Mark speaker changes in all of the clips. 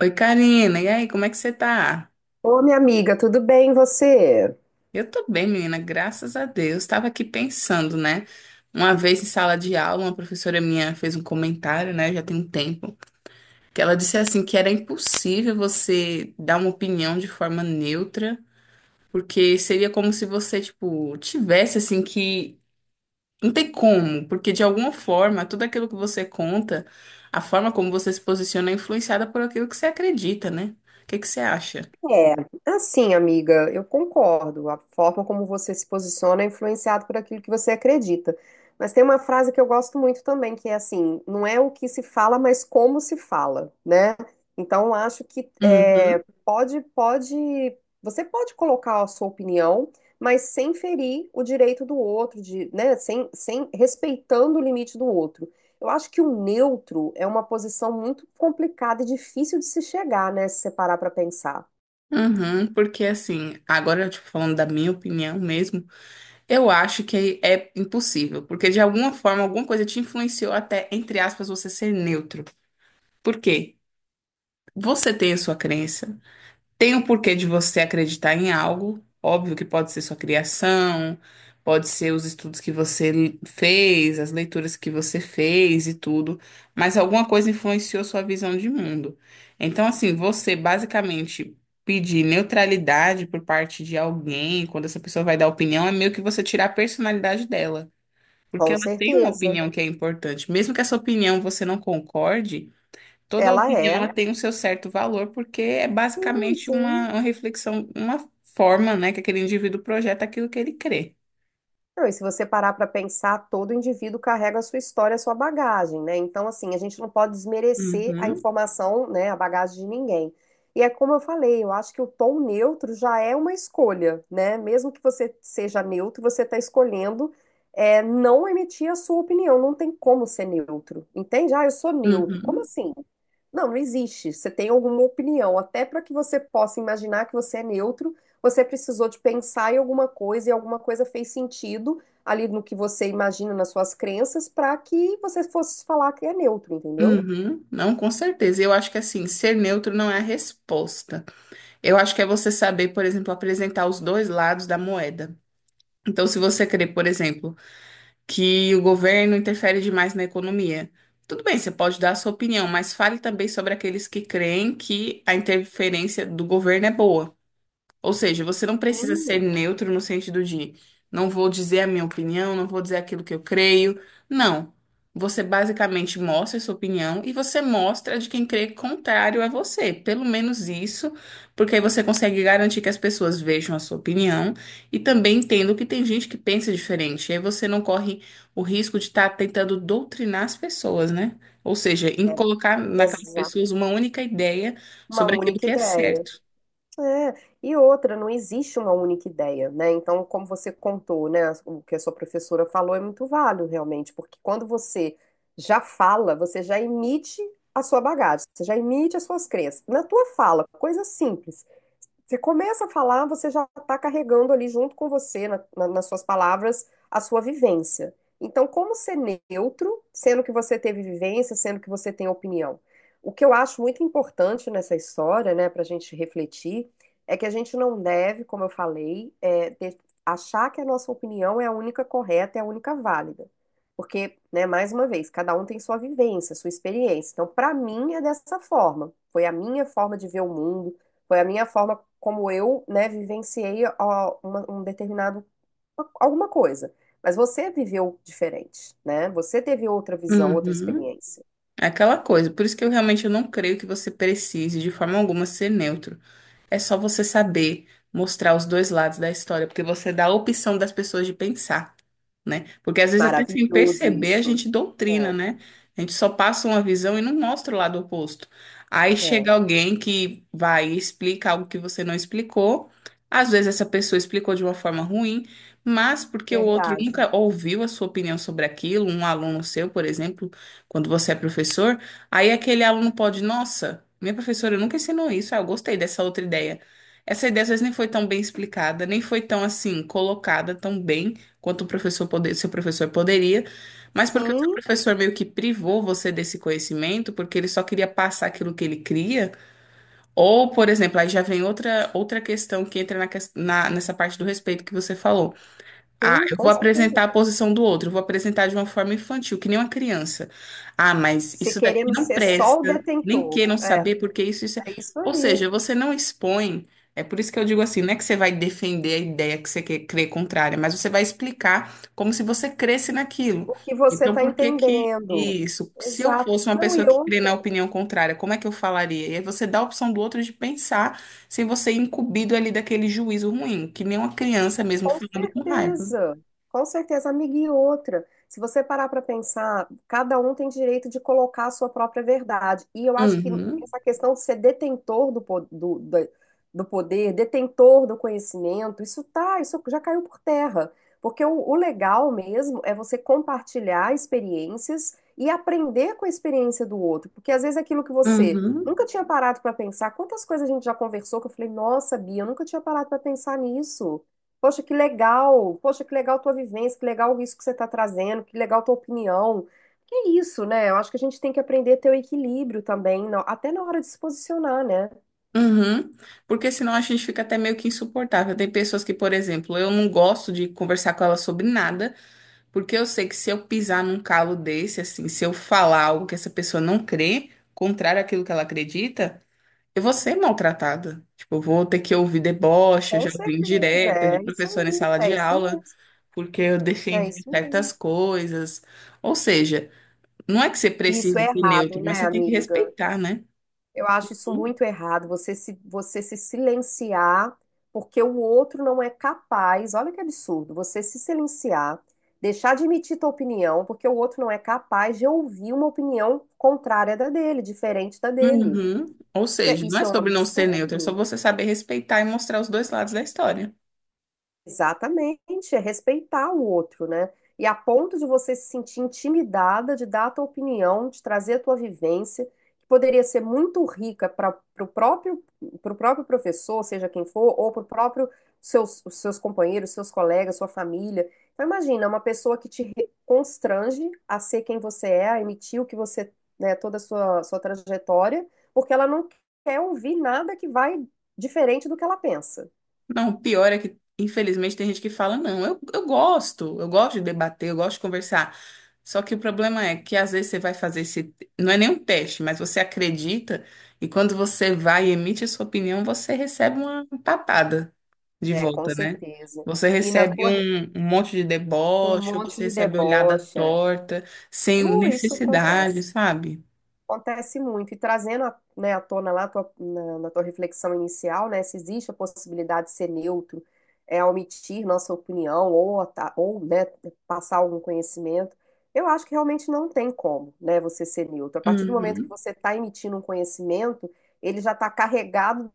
Speaker 1: Oi, Karina. E aí, como é que você tá?
Speaker 2: Ô, minha amiga, tudo bem e você?
Speaker 1: Eu tô bem, menina, graças a Deus. Tava aqui pensando, né? Uma vez em sala de aula, uma professora minha fez um comentário, né? Já tem um tempo, que ela disse assim que era impossível você dar uma opinião de forma neutra, porque seria como se você, tipo, tivesse assim que não tem como, porque de alguma forma, tudo aquilo que você conta, a forma como você se posiciona é influenciada por aquilo que você acredita, né? O que que você acha?
Speaker 2: É, assim, amiga, eu concordo. A forma como você se posiciona é influenciado por aquilo que você acredita. Mas tem uma frase que eu gosto muito também, que é assim: não é o que se fala, mas como se fala, né? Então, eu acho que é,
Speaker 1: Uhum.
Speaker 2: pode, você pode colocar a sua opinião, mas sem ferir o direito do outro, de, né? Sem, respeitando o limite do outro. Eu acho que o neutro é uma posição muito complicada e difícil de se chegar, né? Se separar para pensar.
Speaker 1: Uhum, porque assim, agora, tipo, falando da minha opinião mesmo, eu acho que é impossível, porque de alguma forma, alguma coisa te influenciou até, entre aspas, você ser neutro. Por quê? Você tem a sua crença, tem o porquê de você acreditar em algo, óbvio que pode ser sua criação, pode ser os estudos que você fez, as leituras que você fez e tudo, mas alguma coisa influenciou sua visão de mundo. Então, assim, você basicamente pedir neutralidade por parte de alguém, quando essa pessoa vai dar opinião, é meio que você tirar a personalidade dela. Porque
Speaker 2: Com
Speaker 1: ela tem uma
Speaker 2: certeza.
Speaker 1: opinião que é importante. Mesmo que essa opinião você não concorde, toda
Speaker 2: Ela
Speaker 1: opinião ela
Speaker 2: é.
Speaker 1: tem o seu certo valor, porque é
Speaker 2: Sim,
Speaker 1: basicamente uma,
Speaker 2: sim.
Speaker 1: uma reflexão, uma forma, né, que aquele indivíduo projeta aquilo que ele crê.
Speaker 2: Não, e se você parar para pensar, todo indivíduo carrega a sua história, a sua bagagem, né? Então, assim, a gente não pode desmerecer a
Speaker 1: Uhum,
Speaker 2: informação, né, a bagagem de ninguém. E é como eu falei, eu acho que o tom neutro já é uma escolha, né? Mesmo que você seja neutro, você está escolhendo é, não emitir a sua opinião. Não tem como ser neutro, entende? Ah, eu sou neutro. Como
Speaker 1: uhum,
Speaker 2: assim? Não, não existe. Você tem alguma opinião, até para que você possa imaginar que você é neutro. Você precisou de pensar em alguma coisa e alguma coisa fez sentido ali no que você imagina nas suas crenças para que você fosse falar que é neutro, entendeu?
Speaker 1: uhum. Não, com certeza. Eu acho que assim, ser neutro não é a resposta. Eu acho que é você saber, por exemplo, apresentar os dois lados da moeda. Então, se você crê, por exemplo, que o governo interfere demais na economia, tudo bem, você pode dar a sua opinião, mas fale também sobre aqueles que creem que a interferência do governo é boa. Ou seja, você não precisa ser
Speaker 2: Hum,
Speaker 1: neutro no sentido de não vou dizer a minha opinião, não vou dizer aquilo que eu creio. Não. Você basicamente mostra a sua opinião e você mostra a de quem crê contrário a você. Pelo menos isso, porque aí você consegue garantir que as pessoas vejam a sua opinião e também entendam que tem gente que pensa diferente. E aí você não corre o risco de estar tentando doutrinar as pessoas, né? Ou seja, em
Speaker 2: É,
Speaker 1: colocar naquelas
Speaker 2: exato.
Speaker 1: pessoas uma única ideia
Speaker 2: Uma
Speaker 1: sobre aquilo
Speaker 2: única
Speaker 1: que é
Speaker 2: ideia.
Speaker 1: certo.
Speaker 2: É. E outra, não existe uma única ideia, né? Então, como você contou, né, o que a sua professora falou é muito válido, realmente, porque quando você já fala, você já emite a sua bagagem, você já emite as suas crenças. Na tua fala, coisa simples. Você começa a falar, você já está carregando ali junto com você, nas suas palavras, a sua vivência. Então, como ser neutro, sendo que você teve vivência, sendo que você tem opinião? O que eu acho muito importante nessa história, né, para a gente refletir, é que a gente não deve, como eu falei, achar que a nossa opinião é a única correta, é a única válida. Porque, né, mais uma vez, cada um tem sua vivência, sua experiência. Então, para mim, é dessa forma. Foi a minha forma de ver o mundo, foi a minha forma como eu, né, vivenciei ó, um determinado alguma coisa. Mas você viveu diferente, né? Você teve outra visão, outra
Speaker 1: Uhum.
Speaker 2: experiência.
Speaker 1: É aquela coisa, por isso que eu realmente não creio que você precise de forma alguma ser neutro. É só você saber mostrar os dois lados da história, porque você dá a opção das pessoas de pensar, né? Porque às vezes até sem
Speaker 2: Maravilhoso
Speaker 1: perceber a
Speaker 2: isso.
Speaker 1: gente doutrina,
Speaker 2: É,
Speaker 1: né? A gente só passa uma visão e não mostra o lado oposto. Aí
Speaker 2: é,
Speaker 1: chega alguém que vai e explica algo que você não explicou. Às vezes essa pessoa explicou de uma forma ruim, mas porque o outro
Speaker 2: verdade.
Speaker 1: nunca ouviu a sua opinião sobre aquilo, um aluno seu, por exemplo, quando você é professor, aí aquele aluno pode, nossa, minha professora nunca ensinou isso, ah, eu gostei dessa outra ideia. Essa ideia às vezes nem foi tão bem explicada, nem foi tão assim colocada tão bem quanto o professor poder, seu professor poderia, mas porque o seu
Speaker 2: Sim,
Speaker 1: professor meio que privou você desse conhecimento, porque ele só queria passar aquilo que ele cria, ou, por exemplo, aí já vem outra questão que entra nessa parte do respeito que você falou. Ah,
Speaker 2: sim,
Speaker 1: eu
Speaker 2: com
Speaker 1: vou apresentar
Speaker 2: certeza.
Speaker 1: a posição do outro, eu vou apresentar de uma forma infantil, que nem uma criança. Ah, mas
Speaker 2: Se
Speaker 1: isso daqui
Speaker 2: queremos
Speaker 1: não
Speaker 2: ser só
Speaker 1: presta,
Speaker 2: o
Speaker 1: nem
Speaker 2: detentor,
Speaker 1: queiram
Speaker 2: é,
Speaker 1: saber porque isso é...
Speaker 2: é isso
Speaker 1: Ou
Speaker 2: aí.
Speaker 1: seja, você não expõe, é por isso que eu digo assim, não é que você vai defender a ideia que você quer crer contrária, mas você vai explicar como se você cresce naquilo.
Speaker 2: O que você
Speaker 1: Então,
Speaker 2: está
Speaker 1: por que que
Speaker 2: entendendo?
Speaker 1: isso? Se eu
Speaker 2: Exato.
Speaker 1: fosse uma
Speaker 2: Não,
Speaker 1: pessoa
Speaker 2: e
Speaker 1: que crê na
Speaker 2: outra.
Speaker 1: opinião contrária, como é que eu falaria? E aí você dá a opção do outro de pensar sem você ir incumbido ali daquele juízo ruim, que nem uma criança mesmo
Speaker 2: Com
Speaker 1: falando com raiva.
Speaker 2: certeza, com certeza, amiga. E outra, se você parar para pensar, cada um tem direito de colocar a sua própria verdade. E eu acho que
Speaker 1: Uhum,
Speaker 2: essa questão de ser detentor do poder, detentor do conhecimento, isso tá, isso já caiu por terra. Porque o legal mesmo é você compartilhar experiências e aprender com a experiência do outro. Porque às vezes aquilo que você
Speaker 1: uhum,
Speaker 2: nunca tinha parado para pensar, quantas coisas a gente já conversou que eu falei, nossa, Bia, eu nunca tinha parado para pensar nisso. Poxa, que legal! Poxa, que legal tua vivência, que legal isso que você está trazendo, que legal tua opinião. Que é isso, né? Eu acho que a gente tem que aprender a ter o equilíbrio também, até na hora de se posicionar, né?
Speaker 1: uhum. Porque senão a gente fica até meio que insuportável. Tem pessoas que, por exemplo, eu não gosto de conversar com ela sobre nada, porque eu sei que se eu pisar num calo desse, assim, se eu falar algo que essa pessoa não crê, contrário àquilo que ela acredita, eu vou ser maltratada. Tipo, eu vou ter que ouvir deboche, eu
Speaker 2: Com
Speaker 1: já ouvi
Speaker 2: certeza,
Speaker 1: indireta de
Speaker 2: é isso
Speaker 1: professor em
Speaker 2: aí,
Speaker 1: sala de
Speaker 2: é isso
Speaker 1: aula,
Speaker 2: mesmo,
Speaker 1: porque eu
Speaker 2: é
Speaker 1: defendi
Speaker 2: isso
Speaker 1: certas
Speaker 2: mesmo.
Speaker 1: coisas. Ou seja, não é que você
Speaker 2: E isso
Speaker 1: precise
Speaker 2: é
Speaker 1: ser
Speaker 2: errado,
Speaker 1: neutro, mas
Speaker 2: né,
Speaker 1: você tem que
Speaker 2: amiga?
Speaker 1: respeitar, né?
Speaker 2: Eu acho isso muito errado, você se silenciar porque o outro não é capaz. Olha que absurdo, você se silenciar, deixar de emitir tua opinião porque o outro não é capaz de ouvir uma opinião contrária da dele, diferente da dele.
Speaker 1: Uhum. Ou
Speaker 2: Isso é,
Speaker 1: seja, não é
Speaker 2: isso é um
Speaker 1: sobre não ser neutro, é sobre
Speaker 2: absurdo.
Speaker 1: você saber respeitar e mostrar os dois lados da história.
Speaker 2: Exatamente, é respeitar o outro, né? E a ponto de você se sentir intimidada de dar a tua opinião, de trazer a tua vivência, que poderia ser muito rica para o próprio, pro próprio professor, seja quem for, ou para o próprio seus, os seus companheiros, seus colegas, sua família. Então, imagina, uma pessoa que constrange a ser quem você é, a emitir o que você, né, toda a sua trajetória, porque ela não quer ouvir nada que vai diferente do que ela pensa.
Speaker 1: Não, o pior é que, infelizmente, tem gente que fala, não, eu gosto de debater, eu gosto de conversar. Só que o problema é que às vezes você vai fazer esse, não é nem um teste, mas você acredita e quando você vai e emite a sua opinião, você recebe uma patada de
Speaker 2: É, com
Speaker 1: volta, né?
Speaker 2: certeza.
Speaker 1: Você
Speaker 2: E na
Speaker 1: recebe
Speaker 2: sua
Speaker 1: um monte de
Speaker 2: um
Speaker 1: deboche, ou
Speaker 2: monte
Speaker 1: você
Speaker 2: de
Speaker 1: recebe olhada
Speaker 2: debocha.
Speaker 1: torta, sem
Speaker 2: Isso
Speaker 1: necessidade,
Speaker 2: acontece.
Speaker 1: sabe?
Speaker 2: Acontece muito. E trazendo, né, à tona lá a na, na tua reflexão inicial, né, se existe a possibilidade de ser neutro, é omitir nossa opinião ou né, passar algum conhecimento, eu acho que realmente não tem como, né, você ser neutro. A partir do momento que
Speaker 1: Uhum,
Speaker 2: você está emitindo um conhecimento, ele já está carregado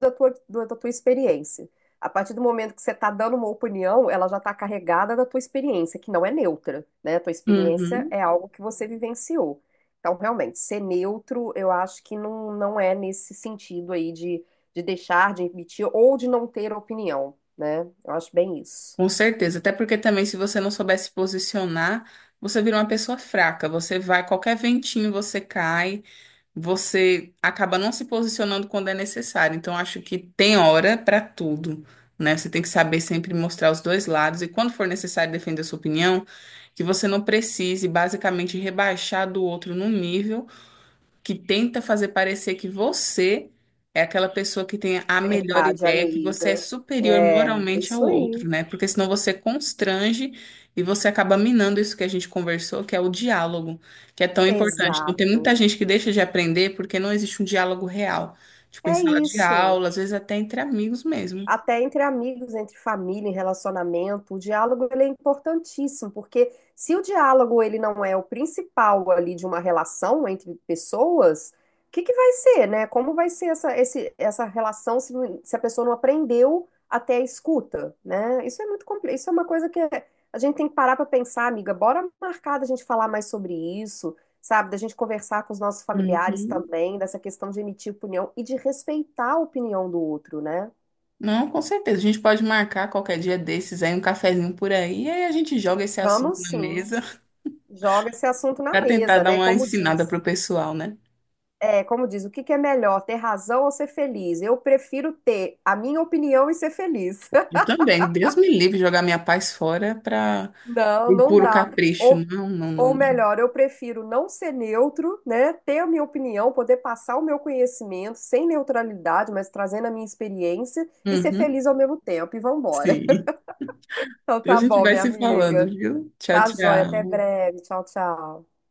Speaker 2: da da tua experiência. A partir do momento que você está dando uma opinião, ela já está carregada da tua experiência, que não é neutra, né? A tua experiência
Speaker 1: uhum,
Speaker 2: é algo que você vivenciou. Então, realmente, ser neutro, eu acho que não, não é nesse sentido aí de deixar de emitir ou de não ter opinião, né? Eu acho bem isso.
Speaker 1: com certeza. Até porque também, se você não souber se posicionar, você vira uma pessoa fraca. Você vai, qualquer ventinho você cai, você acaba não se posicionando quando é necessário. Então, acho que tem hora para tudo, né? Você tem que saber sempre mostrar os dois lados e, quando for necessário defender a sua opinião, que você não precise basicamente rebaixar do outro num nível, que tenta fazer parecer que você é aquela pessoa que tem a melhor
Speaker 2: Verdade,
Speaker 1: ideia, que você é
Speaker 2: amiga.
Speaker 1: superior
Speaker 2: É, é
Speaker 1: moralmente
Speaker 2: isso
Speaker 1: ao
Speaker 2: aí.
Speaker 1: outro, né? Porque senão você constrange e você acaba minando isso que a gente conversou, que é o diálogo, que é tão importante. Então, tem
Speaker 2: Exato.
Speaker 1: muita gente que deixa de aprender porque não existe um diálogo real. Tipo, em
Speaker 2: É
Speaker 1: sala de
Speaker 2: isso.
Speaker 1: aula, às vezes até entre amigos mesmo.
Speaker 2: Até entre amigos, entre família, em relacionamento, o diálogo ele é importantíssimo, porque se o diálogo ele não é o principal ali de uma relação entre pessoas, o que que vai ser, né? Como vai ser essa relação se a pessoa não aprendeu até a escuta, né? Isso é muito complexo, isso é uma coisa que a gente tem que parar para pensar, amiga, bora marcar da gente falar mais sobre isso, sabe? Da gente conversar com os nossos familiares
Speaker 1: Uhum.
Speaker 2: também, dessa questão de emitir opinião e de respeitar a opinião do outro, né?
Speaker 1: Não, com certeza. A gente pode marcar qualquer dia desses aí, um cafezinho por aí, e aí a gente joga esse assunto
Speaker 2: Vamos
Speaker 1: na
Speaker 2: sim.
Speaker 1: mesa
Speaker 2: Joga esse assunto na
Speaker 1: para tentar
Speaker 2: mesa,
Speaker 1: dar
Speaker 2: né?
Speaker 1: uma
Speaker 2: Como
Speaker 1: ensinada
Speaker 2: diz,
Speaker 1: pro pessoal, né?
Speaker 2: é, como diz, o que que é melhor, ter razão ou ser feliz? Eu prefiro ter a minha opinião e ser feliz.
Speaker 1: Eu também. Deus me livre de jogar minha paz fora para
Speaker 2: Não,
Speaker 1: um
Speaker 2: não
Speaker 1: puro
Speaker 2: dá.
Speaker 1: capricho.
Speaker 2: Ou,
Speaker 1: Não, não, não,
Speaker 2: ou
Speaker 1: não.
Speaker 2: melhor, eu prefiro não ser neutro, né? Ter a minha opinião, poder passar o meu conhecimento sem neutralidade, mas trazendo a minha experiência e ser
Speaker 1: Uhum,
Speaker 2: feliz ao mesmo tempo. E vambora.
Speaker 1: sim.
Speaker 2: Então
Speaker 1: Então a
Speaker 2: tá
Speaker 1: gente
Speaker 2: bom,
Speaker 1: vai
Speaker 2: minha
Speaker 1: se falando,
Speaker 2: amiga.
Speaker 1: viu? Tchau,
Speaker 2: Tá joia. Até
Speaker 1: tchau.
Speaker 2: breve. Tchau, tchau.